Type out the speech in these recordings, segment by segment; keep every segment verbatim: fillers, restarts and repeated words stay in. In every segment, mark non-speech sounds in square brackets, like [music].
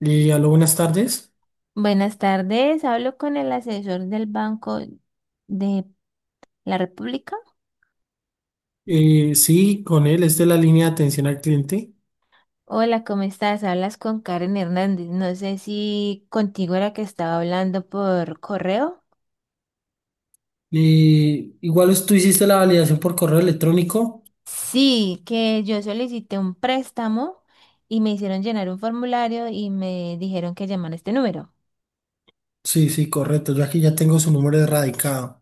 Eh, aló, buenas tardes. Buenas tardes, hablo con el asesor del Banco de la República. Eh, sí, con él es de la línea de atención al cliente. Hola, ¿cómo estás? Hablas con Karen Hernández. No sé si contigo era que estaba hablando por correo. Eh, igual tú hiciste la validación por correo electrónico. Sí, que yo solicité un préstamo y me hicieron llenar un formulario y me dijeron que llamara a este número. Sí, sí, Correcto. Yo aquí ya tengo su número erradicado.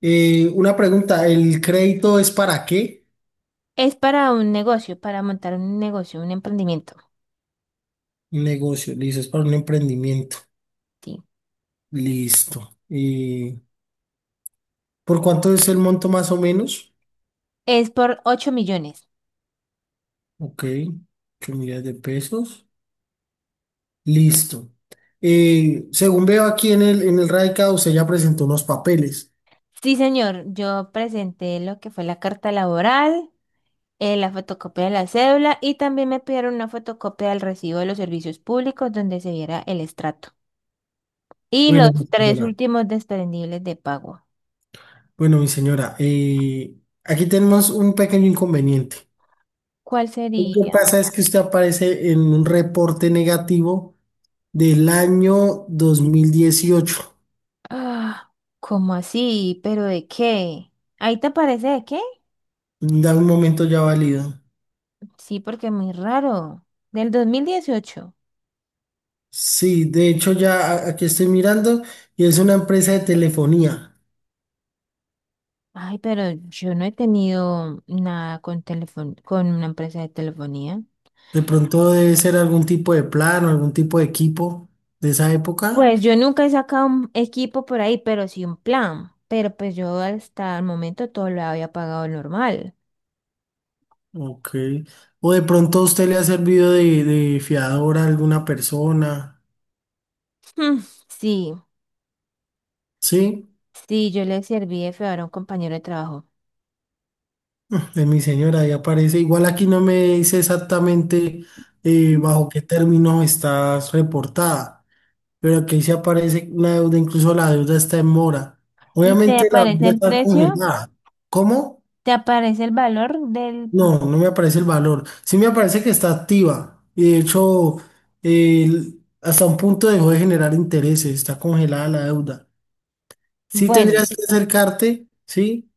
Eh, una pregunta, ¿el crédito es para qué? Es para un negocio, para montar un negocio, un emprendimiento. Un negocio, listo, es para un emprendimiento. Sí. Listo. Eh, ¿Por cuánto es el monto más o menos? Es por ocho millones. Ok, ocho millones de pesos. Listo. Eh, según veo aquí en el, en el radicado, usted ya presentó unos papeles. Sí, señor, yo presenté lo que fue la carta laboral, eh, la fotocopia de la cédula y también me pidieron una fotocopia del recibo de los servicios públicos donde se viera el estrato. Y los Bueno, mi tres señora, últimos desprendibles de pago. bueno, mi señora, eh, aquí tenemos un pequeño inconveniente. ¿Cuál Lo que sería? pasa es que usted aparece en un reporte negativo del año dos mil dieciocho. Ah, ¿cómo así? ¿Pero de qué? ¿Ahí te aparece de qué? Da un momento, ya válido. Sí, porque es muy raro. Del dos mil dieciocho. Sí, de hecho ya a- aquí estoy mirando y es una empresa de telefonía. Ay, pero yo no he tenido nada con teléfono, con una empresa de telefonía. De pronto debe ser algún tipo de plan o algún tipo de equipo de esa época. Pues yo nunca he sacado un equipo por ahí, pero sí un plan. Pero pues yo hasta el momento todo lo había pagado normal. [laughs] Ok. O de pronto a usted le ha servido de, de fiador a alguna persona. Mm, Sí, ¿Sí? sí, yo le serví de feo a un compañero de trabajo. De mi señora, ahí aparece. Igual aquí no me dice exactamente eh, bajo qué término estás reportada, pero aquí sí aparece una deuda, incluso la deuda está en mora. ¿Y te Obviamente la aparece deuda el está precio? congelada. ¿Cómo? ¿Te aparece el valor del... de- No, no me aparece el valor. Sí me aparece que está activa. Y de hecho, eh, hasta un punto dejó de generar intereses, está congelada la deuda. Sí Bueno, tendrías que acercarte, ¿sí?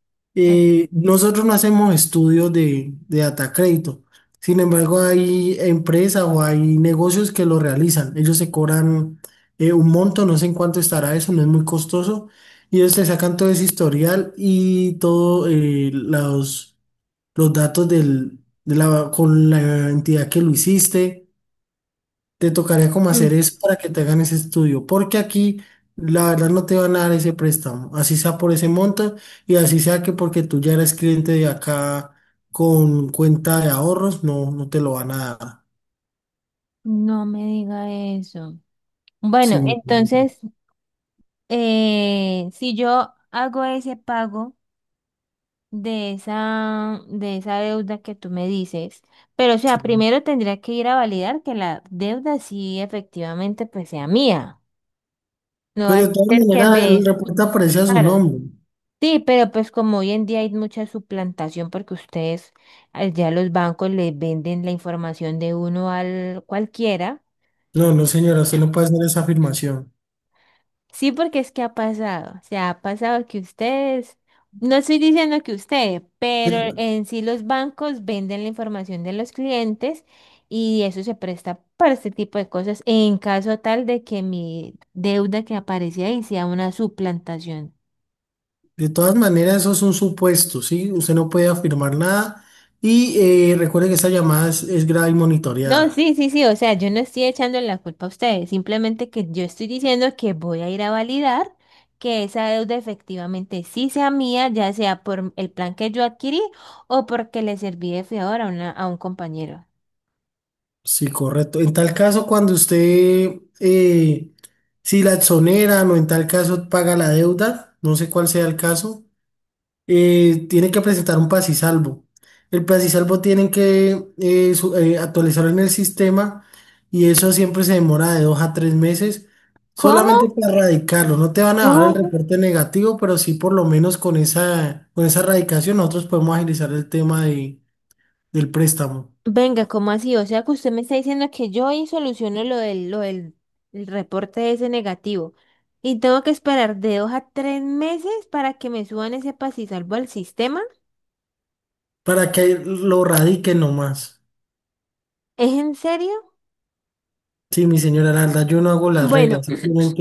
eh, Eh, nosotros no hacemos estudios de, de data crédito. Sin embargo, hay empresas o hay negocios que lo realizan. Ellos se cobran eh, un monto, no sé en cuánto estará eso, no es muy costoso. Y ellos te sacan todo ese historial y todos los, los datos del, de la, con la entidad que lo hiciste. Te tocaría como hacer mm, es para que te hagan ese estudio, porque aquí la verdad no te van a dar ese préstamo, así sea por ese monto y así sea que porque tú ya eres cliente de acá con cuenta de ahorros, no, no te lo van a dar. no me diga eso. Bueno, Sí, mi hermano, entonces, eh, si yo hago ese pago... de esa, de esa deuda que tú me dices. Pero, o sea, sí. primero tendría que ir a validar que la deuda sí efectivamente pues sea mía. No Pues va a de todas ser que maneras, el me... reporte aparece a su Claro. nombre. Sí, pero pues como hoy en día hay mucha suplantación porque ustedes eh, ya los bancos les venden la información de uno al cualquiera. No, no, señora, usted no puede hacer esa afirmación. Sí, porque es que ha pasado, o sea, ha pasado que ustedes, no estoy diciendo que ustedes, De, pero en sí los bancos venden la información de los clientes y eso se presta para este tipo de cosas en caso tal de que mi deuda que aparece ahí sea una suplantación. de todas maneras, eso es un supuesto, ¿sí? Usted no puede afirmar nada y eh, recuerde que esa llamada es es grave y No, monitoreada. sí, sí, sí, o sea, yo no estoy echando la culpa a ustedes, simplemente que yo estoy diciendo que voy a ir a validar que esa deuda efectivamente sí sea mía, ya sea por el plan que yo adquirí o porque le serví de fiador a una, a un compañero. Sí, correcto. En tal caso, cuando usted, eh, si la exoneran o en tal caso paga la deuda, no sé cuál sea el caso, eh, tiene que presentar un pasisalvo. El pasisalvo tienen que eh, su- eh, actualizarlo en el sistema y eso siempre se demora de dos a tres meses ¿Cómo? solamente para erradicarlo. No te van a dar el ¿Cómo? reporte negativo, pero sí por lo menos con esa, con esa erradicación nosotros podemos agilizar el tema de, del préstamo Venga, ¿cómo así? O sea, que usted me está diciendo que yo ahí soluciono lo del, lo del el reporte ese negativo y tengo que esperar de dos a tres meses para que me suban ese paz y salvo al sistema. para que lo radiquen nomás. ¿Es en serio? Sí, mi señora, la yo no hago las Bueno. reglas,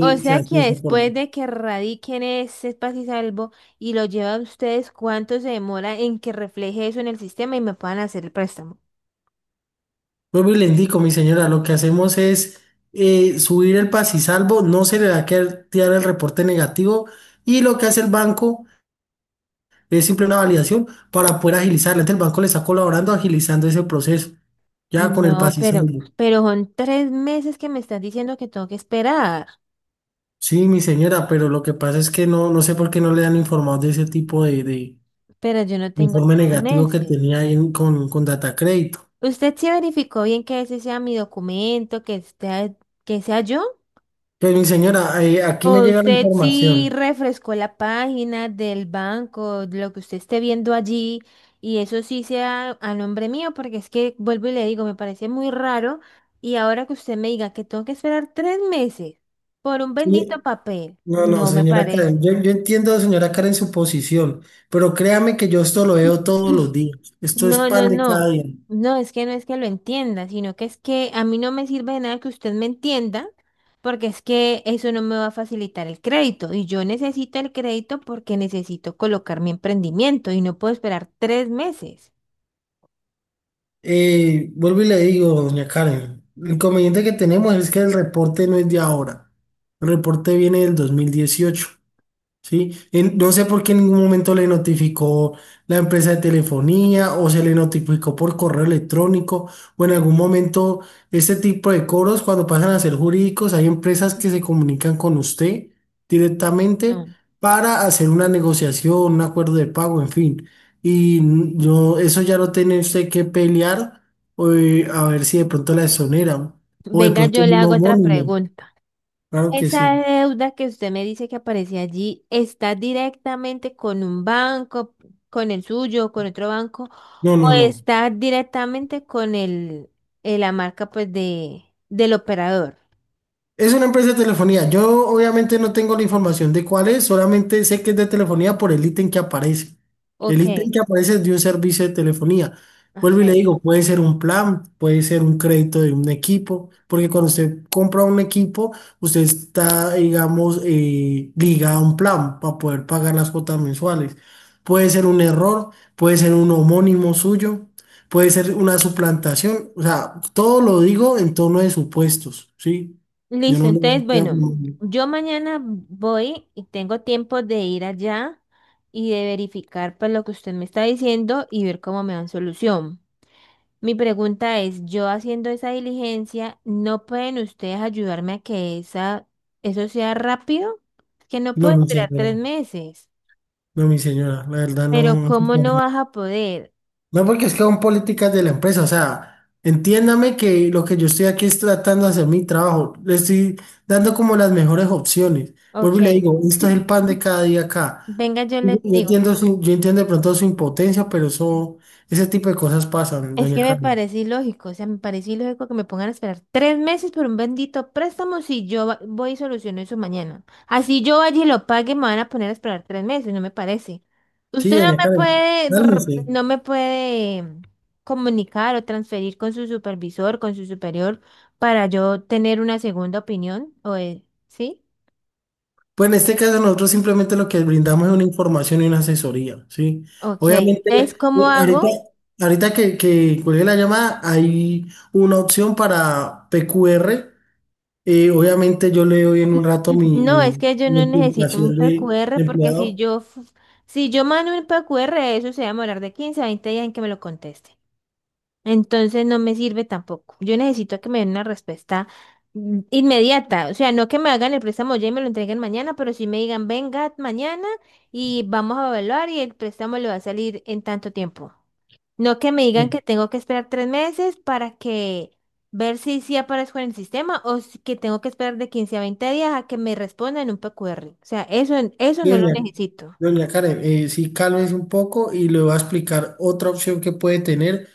O se sea hace que de esa forma. después de que radiquen ese espacio y salvo y lo llevan ustedes, ¿cuánto se demora en que refleje eso en el sistema y me puedan hacer el préstamo? Vuelvo y le indico, mi señora, lo que hacemos es eh, subir el pasisalvo, no se le va a quedar tirar el reporte negativo y lo que hace el banco es simple una validación para poder agilizarla. Entonces, el banco le está colaborando agilizando ese proceso, ya con el No, pero, pasisalvo. pero son tres meses que me están diciendo que tengo que esperar, Sí, mi señora, pero lo que pasa es que no, no sé por qué no le han informado de ese tipo de, de- pero yo no de tengo informe tres negativo que meses. tenía ahí en- con, con Data Crédito. ¿Usted sí verificó bien que ese sea mi documento, que sea, que sea yo? Pues, mi señora, eh, aquí O me llega la usted sí información. refrescó la página del banco, lo que usted esté viendo allí, y eso sí sea a nombre mío, porque es que vuelvo y le digo, me parece muy raro, y ahora que usted me diga que tengo que esperar tres meses por un bendito Y- papel, No, no, no me señora parece. Karen, yo, yo entiendo, señora Karen, su posición, pero créame que yo esto lo veo todos los días, esto es No, no, pan de cada no. día. No, es que no es que lo entienda, sino que es que a mí no me sirve de nada que usted me entienda, porque es que eso no me va a facilitar el crédito. Y yo necesito el crédito porque necesito colocar mi emprendimiento y no puedo esperar tres meses. Eh, vuelvo y le digo, doña Karen, el inconveniente que tenemos es que el reporte no es de ahora, el reporte viene del dos mil dieciocho. Sí, en- no sé por qué en ningún momento le notificó la empresa de telefonía o se le notificó por correo electrónico o en algún momento este tipo de cobros cuando pasan a ser jurídicos, hay empresas que se comunican con usted directamente No. para hacer una negociación, un acuerdo de pago, en fin. Y n- no, eso ya lo tiene usted que pelear eh, a ver si de pronto la exoneran o de Venga, pronto yo le un hago otra homónimo. pregunta. Claro que Esa sí. deuda que usted me dice que aparece allí, ¿está directamente con un banco, con el suyo, con otro banco, No, o no, no. está directamente con el, eh, la marca pues de, del operador? Es una empresa de telefonía. Yo obviamente no tengo la información de cuál es, solamente sé que es de telefonía por el ítem que aparece. El Ok, ítem que aparece es de un servicio de telefonía. Vuelvo y le ok. digo, puede ser un plan, puede ser un crédito de un equipo, porque cuando usted compra un equipo, usted está, digamos, eh, ligado a un plan para poder pagar las cuotas mensuales. Puede ser un error, puede ser un homónimo suyo, puede ser una suplantación. O sea, todo lo digo en torno de supuestos, ¿sí? Yo Listo, no, no, entonces, ya, bueno, no, yo mañana voy y tengo tiempo de ir allá y de verificar pues lo que usted me está diciendo y ver cómo me dan solución. Mi pregunta es, yo haciendo esa diligencia, ¿no pueden ustedes ayudarme a que esa, eso sea rápido? Es que no no, puedo mi esperar señora, tres meses. no, mi señora, la verdad Pero no. No, se ¿cómo no puede. vas a poder? No, porque es que son políticas de la empresa, o sea, entiéndame que lo que yo estoy aquí es tratando de hacer mi trabajo, le estoy dando como las mejores opciones. Ok. Vuelvo y le digo, esto es el pan [clears throat] de cada día acá. Venga, yo Yo les yo digo. entiendo su- yo entiendo de pronto su impotencia, pero eso, ese tipo de cosas pasan, Es doña que me Carmen. parece ilógico, o sea, me parece ilógico que me pongan a esperar tres meses por un bendito préstamo si yo va- voy y soluciono eso mañana. Así yo vaya y lo pague, me van a poner a esperar tres meses, no me parece. Usted Sí, no doña me Carmen, puede, r- cálmese. no me puede comunicar o transferir con su supervisor, con su superior, para yo tener una segunda opinión, o, eh, ¿sí? Pues en este caso nosotros simplemente lo que brindamos es una información y una asesoría, ¿sí? Ok, Obviamente, entonces, ¿cómo eh, ahorita, hago? ahorita que, que cuelgue la llamada, hay una opción para P Q R. Eh, obviamente yo le doy en un rato mi, No, es mi, que yo mi no necesito un ocupación de, P Q R de porque si empleador. yo, f- si yo mando un P Q R, eso se va a demorar de quince a veinte días en que me lo conteste. Entonces no me sirve tampoco. Yo necesito que me den una respuesta mm, inmediata. O sea, no que me hagan el préstamo ya y me lo entreguen mañana, pero sí me digan, venga mañana y vamos a evaluar y el préstamo le va a salir en tanto tiempo. No que me Y digan que tengo que esperar tres meses para que ver si sí aparezco en el sistema o si- que tengo que esperar de quince a veinte días a que me respondan un P Q R. O sea, eso, eso no lo Doña, necesito. doña Karen, eh, sí, cálmese un poco y le voy a explicar otra opción que puede tener,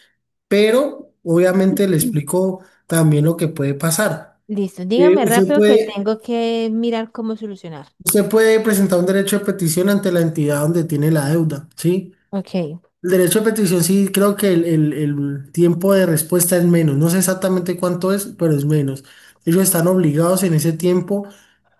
pero obviamente le [clears throat] explico también lo que puede pasar. Listo, Eh, dígame usted rápido que puede... tengo que mirar cómo solucionar. Usted puede presentar un derecho de petición ante la entidad donde tiene la deuda, ¿sí? Ok. El derecho de petición, sí, creo que el, el- el tiempo de respuesta es menos. No sé exactamente cuánto es, pero es menos. Ellos están obligados en ese tiempo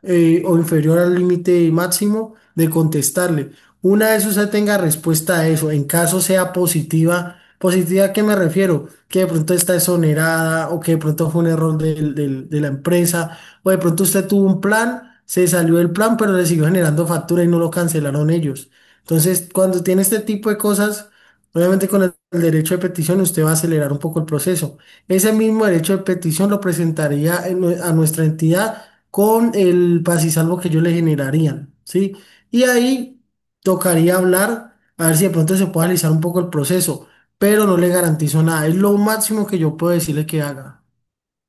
eh, o inferior al límite máximo de contestarle. Una vez usted tenga respuesta a eso, en caso sea positiva, positiva, ¿a qué me refiero? Que de pronto está exonerada o que de pronto fue un error del- del- de la empresa o de pronto usted tuvo un plan, se salió del plan, pero le siguió generando factura y no lo cancelaron ellos. Entonces, cuando tiene este tipo de cosas, obviamente con el el derecho de petición usted va a acelerar un poco el proceso. Ese mismo derecho de petición lo presentaría en nue- a nuestra entidad con el pasisalvo que ellos le generarían, ¿sí? Y ahí tocaría hablar, a ver si de pronto se puede alisar un poco el proceso, pero no le garantizo nada. Es lo máximo que yo puedo decirle que haga.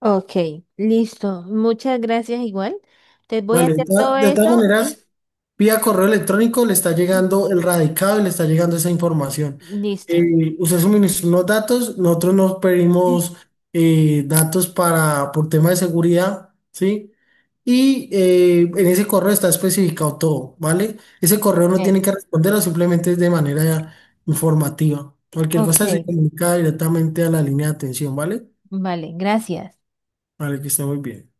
Ok, listo. Muchas gracias igual. Te voy a Vale, de hacer todo todas de todas eso y maneras, vía correo electrónico le está [clears throat] llegando el radicado y le está llegando esa información. listo. Eh, usted suministró unos datos, nosotros nos pedimos [clears throat] eh, datos para, por tema de seguridad, ¿sí? Y eh, en ese correo está especificado todo, ¿vale? Ese correo no Ok, tiene que responderlo, simplemente es de manera informativa. Cualquier ok, cosa se comunica directamente a la línea de atención, ¿vale? vale, gracias. Vale, que esté muy bien.